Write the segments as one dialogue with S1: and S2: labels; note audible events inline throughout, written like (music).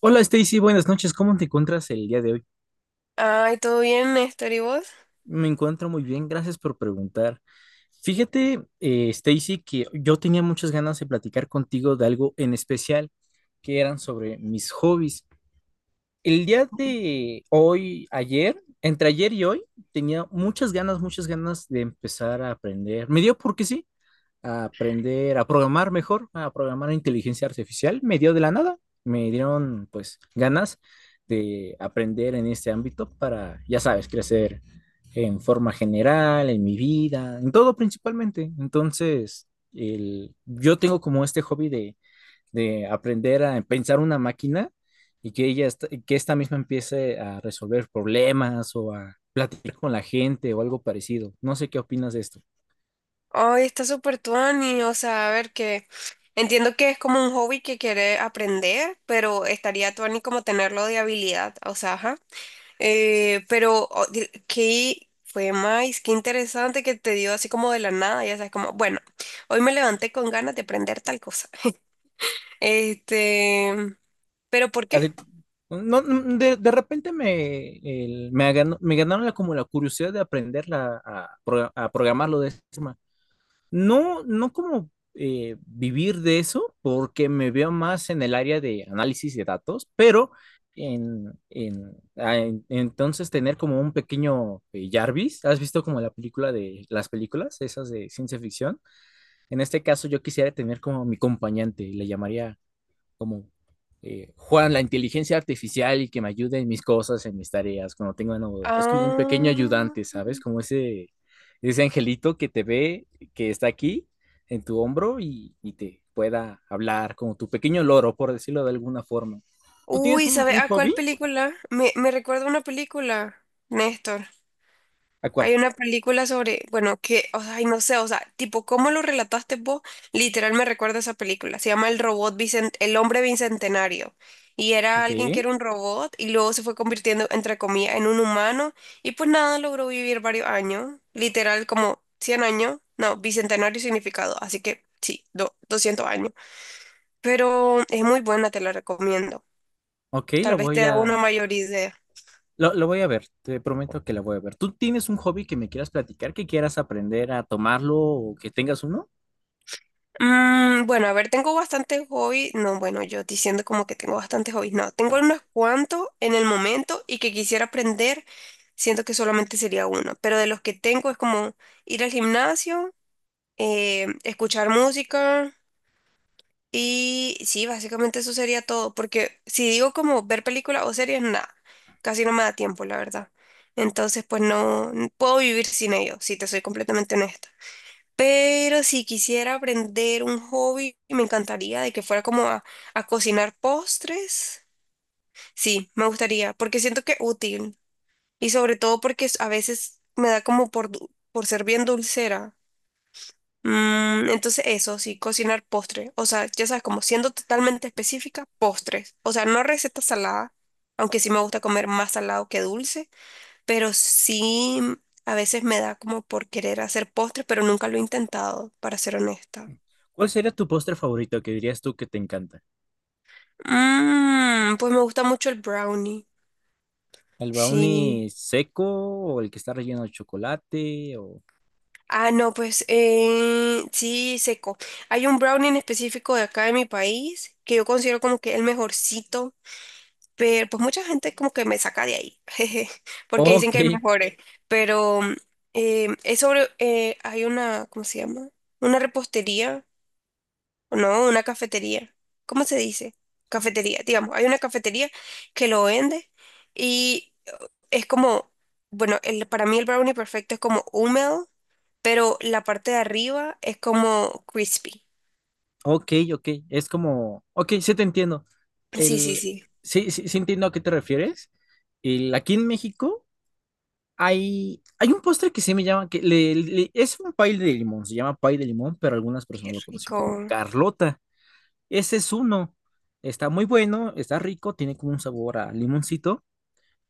S1: Hola Stacy, buenas noches. ¿Cómo te encuentras el día de hoy?
S2: Ay, todo bien, Néstor, ¿y vos?
S1: Me encuentro muy bien, gracias por preguntar. Fíjate, Stacy, que yo tenía muchas ganas de platicar contigo de algo en especial, que eran sobre mis hobbies. El día de hoy, ayer, entre ayer y hoy, tenía muchas ganas de empezar a aprender. Me dio porque sí, a aprender a programar mejor, a programar inteligencia artificial. Me dio de la nada, me dieron pues ganas de aprender en este ámbito para, ya sabes, crecer en forma general, en mi vida, en todo principalmente. Entonces, yo tengo como este hobby de aprender a pensar una máquina y que que esta misma empiece a resolver problemas o a platicar con la gente o algo parecido. No sé qué opinas de esto.
S2: Ay, está súper tuani, o sea, a ver que entiendo que es como un hobby que quiere aprender, pero estaría tuani como tenerlo de habilidad, o sea, ajá. Pero qué fue más, qué interesante que te dio así como de la nada, ya sabes, como, bueno, hoy me levanté con ganas de aprender tal cosa. (laughs) Este, ¿pero por qué?
S1: Así, no, no, de repente me, el- me, ganó- me ganaron como la curiosidad de aprender a programarlo de esa forma. No, no como vivir de eso, porque me veo más en el área de análisis de datos, pero entonces tener como un pequeño Jarvis. ¿Has visto como la película de las películas, esas de ciencia ficción? En este caso yo quisiera tener como mi acompañante, le llamaría como Juan, la inteligencia artificial y que me ayude en mis cosas, en mis tareas, cuando tengo una duda. Es como un pequeño
S2: Ah,
S1: ayudante, ¿sabes? Como ese angelito que te ve, que está aquí en tu hombro y te pueda hablar, como tu pequeño loro, por decirlo de alguna forma. ¿Tú tienes
S2: uy, ¿sabes
S1: un
S2: a cuál
S1: hobby?
S2: película? Me recuerda a una película, Néstor.
S1: ¿A cuál?
S2: Hay una película sobre, bueno, que, o sea, ay, no sé, o sea, tipo, ¿cómo lo relataste vos? Literal me recuerda esa película. Se llama El hombre bicentenario. Y era
S1: Ok,
S2: alguien que era un robot y luego se fue convirtiendo, entre comillas, en un humano. Y pues nada, logró vivir varios años. Literal, como 100 años. No, bicentenario significado. Así que sí, 200 años. Pero es muy buena, te la recomiendo.
S1: ok,
S2: Tal vez te da una mayor idea.
S1: lo voy a ver, te prometo que la voy a ver. ¿Tú tienes un hobby que me quieras platicar, que quieras aprender a tomarlo o que tengas uno?
S2: Mm, bueno, a ver, tengo bastantes hobbies. No, bueno, yo diciendo como que tengo bastantes hobbies. No, tengo unos cuantos en el momento y que quisiera aprender. Siento que solamente sería uno. Pero de los que tengo es como ir al gimnasio, escuchar música y sí, básicamente eso sería todo. Porque si digo como ver películas o series, nada. Casi no me da tiempo, la verdad. Entonces, pues no puedo vivir sin ellos, si te soy completamente honesta. Pero si quisiera aprender un hobby, me encantaría de que fuera como a cocinar postres. Sí, me gustaría, porque siento que es útil. Y sobre todo porque a veces me da como por por ser bien dulcera. Mm, entonces eso, sí, cocinar postres. O sea, ya sabes, como siendo totalmente específica, postres. O sea, no recetas saladas, aunque sí me gusta comer más salado que dulce, pero sí a veces me da como por querer hacer postres, pero nunca lo he intentado, para ser honesta.
S1: ¿Cuál sería tu postre favorito que dirías tú que te encanta?
S2: Mm, pues me gusta mucho el brownie.
S1: ¿El
S2: Sí.
S1: brownie seco o el que está relleno de chocolate? O...
S2: Ah, no, pues sí, seco. Hay un brownie en específico de acá de mi país que yo considero como que el mejorcito, pero pues mucha gente como que me saca de ahí, (laughs) jeje, porque dicen
S1: Ok,
S2: que hay mejores. Pero hay una, ¿cómo se llama? Una repostería, o no, una cafetería. ¿Cómo se dice? Cafetería, digamos, hay una cafetería que lo vende. Y es como, bueno, el, para mí el brownie perfecto es como húmedo, pero la parte de arriba es como crispy.
S1: ok, ok. Es como, ok, sí te entiendo.
S2: Sí, sí,
S1: El...
S2: sí,
S1: Sí, sí, sí entiendo a qué te refieres. El... Aquí en México hay... hay un postre que sí me llama, es un pie de limón, se llama pie de limón, pero algunas
S2: qué
S1: personas lo conocen como
S2: rico.
S1: Carlota. Ese es uno. Está muy bueno, está rico, tiene como un sabor a limoncito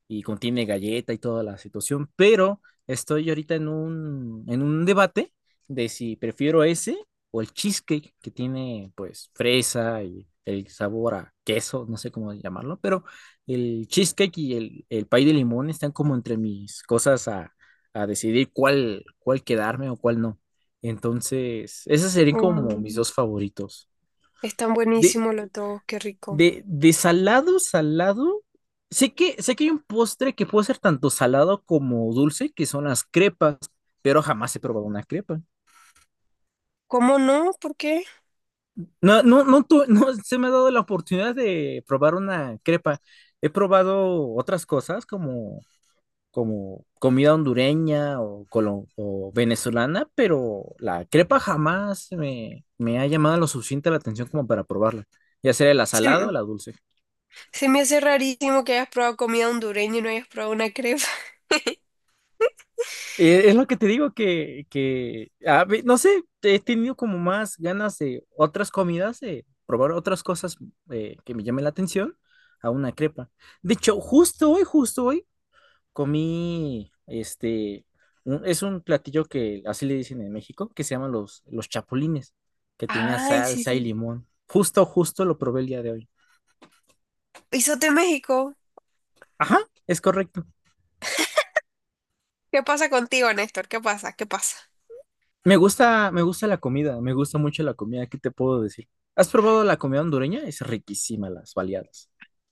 S1: y contiene galleta y toda la situación, pero estoy ahorita en en un debate de si prefiero ese o el cheesecake que tiene pues fresa y el sabor a queso, no sé cómo llamarlo, pero el cheesecake y el pay de limón están como entre mis cosas a decidir cuál quedarme o cuál no. Entonces, esos serían como mis
S2: Mm,
S1: dos favoritos.
S2: están
S1: De,
S2: buenísimos los dos, qué rico.
S1: de salado, salado. Sé que hay un postre que puede ser tanto salado como dulce, que son las crepas, pero jamás he probado una crepa.
S2: ¿Cómo no? ¿Por qué?
S1: No, no, no, tu- (laughs) no se me ha dado la oportunidad de probar una crepa. He probado otras cosas como, como comida hondureña o venezolana, pero la crepa jamás me ha llamado lo suficiente la atención como para probarla, ya sea la
S2: Se,
S1: salada o
S2: m-
S1: la dulce.
S2: se me hace rarísimo que hayas probado comida hondureña y no hayas probado una crepa.
S1: Es lo que te digo que, no sé, he tenido como más ganas de otras comidas, de probar otras cosas que me llamen la atención a una crepa. De hecho, justo hoy, comí, este, un- es un platillo que así le dicen en México, que se llaman los chapulines,
S2: (laughs)
S1: que tenía
S2: Ay, sí,
S1: salsa y
S2: sí.
S1: limón. Justo, justo lo probé el día de hoy.
S2: Isote México.
S1: Ajá, es correcto.
S2: ¿Qué pasa contigo, Néstor? ¿Qué pasa? ¿Qué pasa?
S1: Me gusta la comida, me gusta mucho la comida, ¿qué te puedo decir? ¿Has probado la comida hondureña? Es riquísima las baleadas.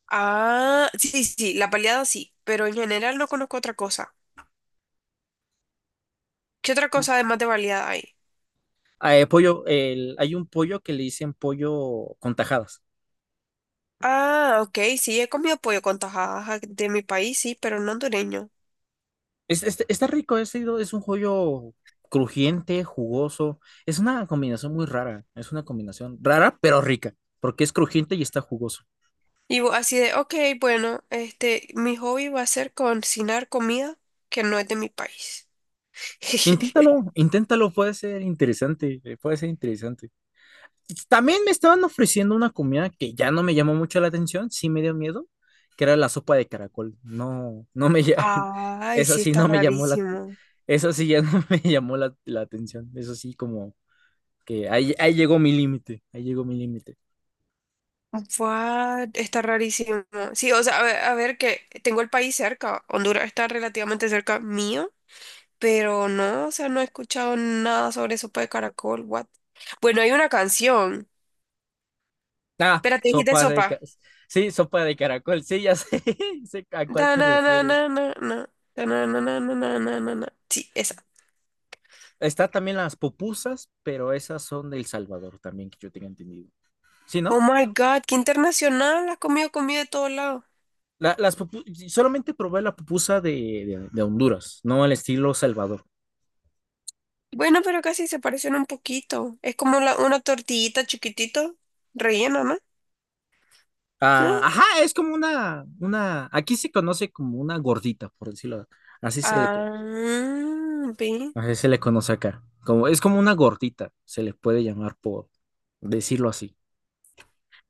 S2: Ah, sí, sí, sí, la baleada sí, pero en general no conozco otra cosa. ¿Qué otra cosa además de baleada hay?
S1: Ah, pollo, hay un pollo que le dicen pollo con tajadas.
S2: Ah, ok, sí, he comido pollo con tajadas de mi país, sí, pero no hondureño.
S1: Está rico, es un pollo crujiente, jugoso. Es una combinación muy rara, es una combinación rara pero rica, porque es crujiente y está jugoso.
S2: Y así de, ok, bueno, mi hobby va a ser cocinar comida que no es de mi país.
S1: Inténtalo,
S2: (laughs)
S1: inténtalo, puede ser interesante, puede ser interesante. También me estaban ofreciendo una comida que ya no me llamó mucho la atención, sí me dio miedo, que era la sopa de caracol. No, no me ya, (laughs)
S2: Ay,
S1: esa
S2: sí,
S1: sí
S2: está
S1: no me llamó la,
S2: rarísimo.
S1: esa sí ya no (laughs) me llamó la atención. Eso sí como que ahí, ahí llegó mi límite, ahí llegó mi límite.
S2: What? Está rarísimo. Sí, o sea, a ver que tengo el país cerca, Honduras está relativamente cerca mío, pero no, o sea, no he escuchado nada sobre sopa de caracol, what? Bueno, hay una canción.
S1: Ah,
S2: Espérate, dijiste
S1: sopa de, ca-
S2: sopa.
S1: sí, sopa de caracol, sí, ya sé, (laughs) sé a cuál
S2: Da,
S1: te
S2: na, na,
S1: refieres.
S2: na, na, na. Da, na, na, na, na, na, na, na, na. Sí, esa.
S1: Está también las pupusas, pero esas son del Salvador también, que yo tenga entendido. ¿Sí,
S2: Oh
S1: no?
S2: my God, qué internacional. Has comido comida de todos lados.
S1: Solamente probé la pupusa de Honduras, no el estilo Salvador.
S2: Bueno, pero casi se parecen un poquito. Es como una tortillita chiquitito, rellena, ¿no?
S1: Ah,
S2: ¿Eh?
S1: ajá, es como una, aquí se conoce como una gordita, por decirlo. Así se le,
S2: Ah, ve.
S1: Así se le conoce acá. Como, es como una gordita, se le puede llamar por decirlo así.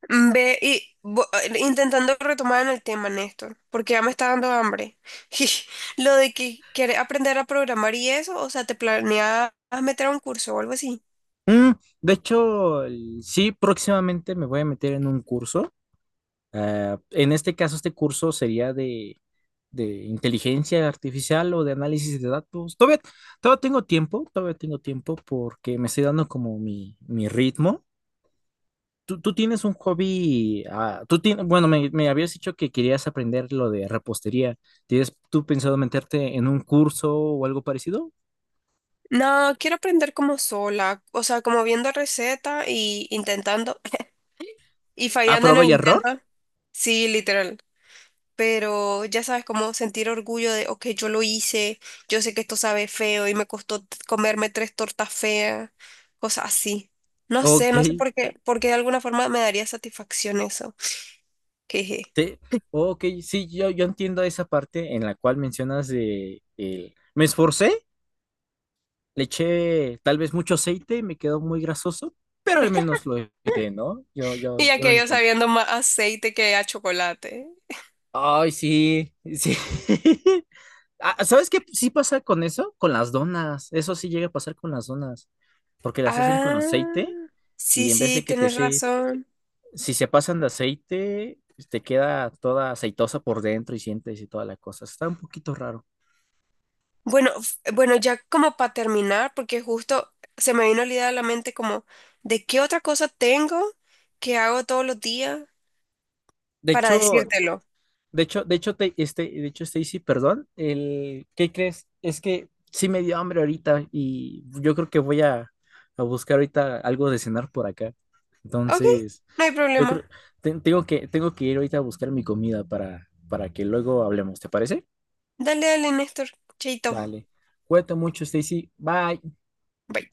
S2: Ve, y intentando retomar en el tema, Néstor, porque ya me está dando hambre. (laughs) Lo de que quieres aprender a programar y eso, o sea, ¿te planeas meter a un curso o algo así?
S1: Mm, de hecho, sí, próximamente me voy a meter en un curso. Ah, en este caso, este curso sería de inteligencia artificial o de análisis de datos. Todavía, todavía tengo tiempo porque me estoy dando como mi ritmo. Tú tienes un hobby, ah, tú tienes, bueno, me habías dicho que querías aprender lo de repostería. ¿Tienes tú pensado meterte en un curso o algo parecido?
S2: No, quiero aprender como sola, o sea, como viendo recetas y intentando y
S1: ¿A
S2: fallando en
S1: prueba
S2: el
S1: y error?
S2: intento. Sí, literal. Pero ya sabes, como sentir orgullo de, ok, yo lo hice, yo sé que esto sabe feo y me costó comerme 3 tortas feas, cosas así. No sé,
S1: Ok,
S2: no sé por qué, porque de alguna forma me daría satisfacción eso. Jeje.
S1: te, ok, sí, yo entiendo esa parte en la cual mencionas de, me esforcé le eché tal vez mucho aceite y me quedó muy grasoso, pero al menos lo intenté ¿no?
S2: Y ya
S1: Yo lo
S2: que yo
S1: entiendo.
S2: sabiendo más aceite que a chocolate.
S1: Ay, sí, sí. (laughs) Ah, ¿Sabes qué sí pasa con eso? Con las donas. Eso sí llega a pasar con las donas, porque las hacen con aceite
S2: Ah,
S1: y
S2: sí,
S1: en vez de
S2: sí, tienes razón.
S1: si se pasan de aceite, te queda toda aceitosa por dentro y sientes y toda la cosa. Está un poquito raro.
S2: Bueno, bueno, ya como para terminar, porque justo se me vino la idea a la mente como, ¿de qué otra cosa tengo que hago todos los días
S1: De
S2: para
S1: hecho,
S2: decírtelo?
S1: De hecho, Stacy, perdón, ¿qué crees? Es que sí me dio hambre ahorita y yo creo que a buscar ahorita algo de cenar por acá.
S2: Ok,
S1: Entonces,
S2: no hay
S1: yo
S2: problema.
S1: creo, tengo que ir ahorita a buscar mi comida para que luego hablemos, ¿te parece?
S2: Dale, dale, Néstor. Chaito.
S1: Vale. Cuídate mucho, Stacy. Bye.
S2: Bye.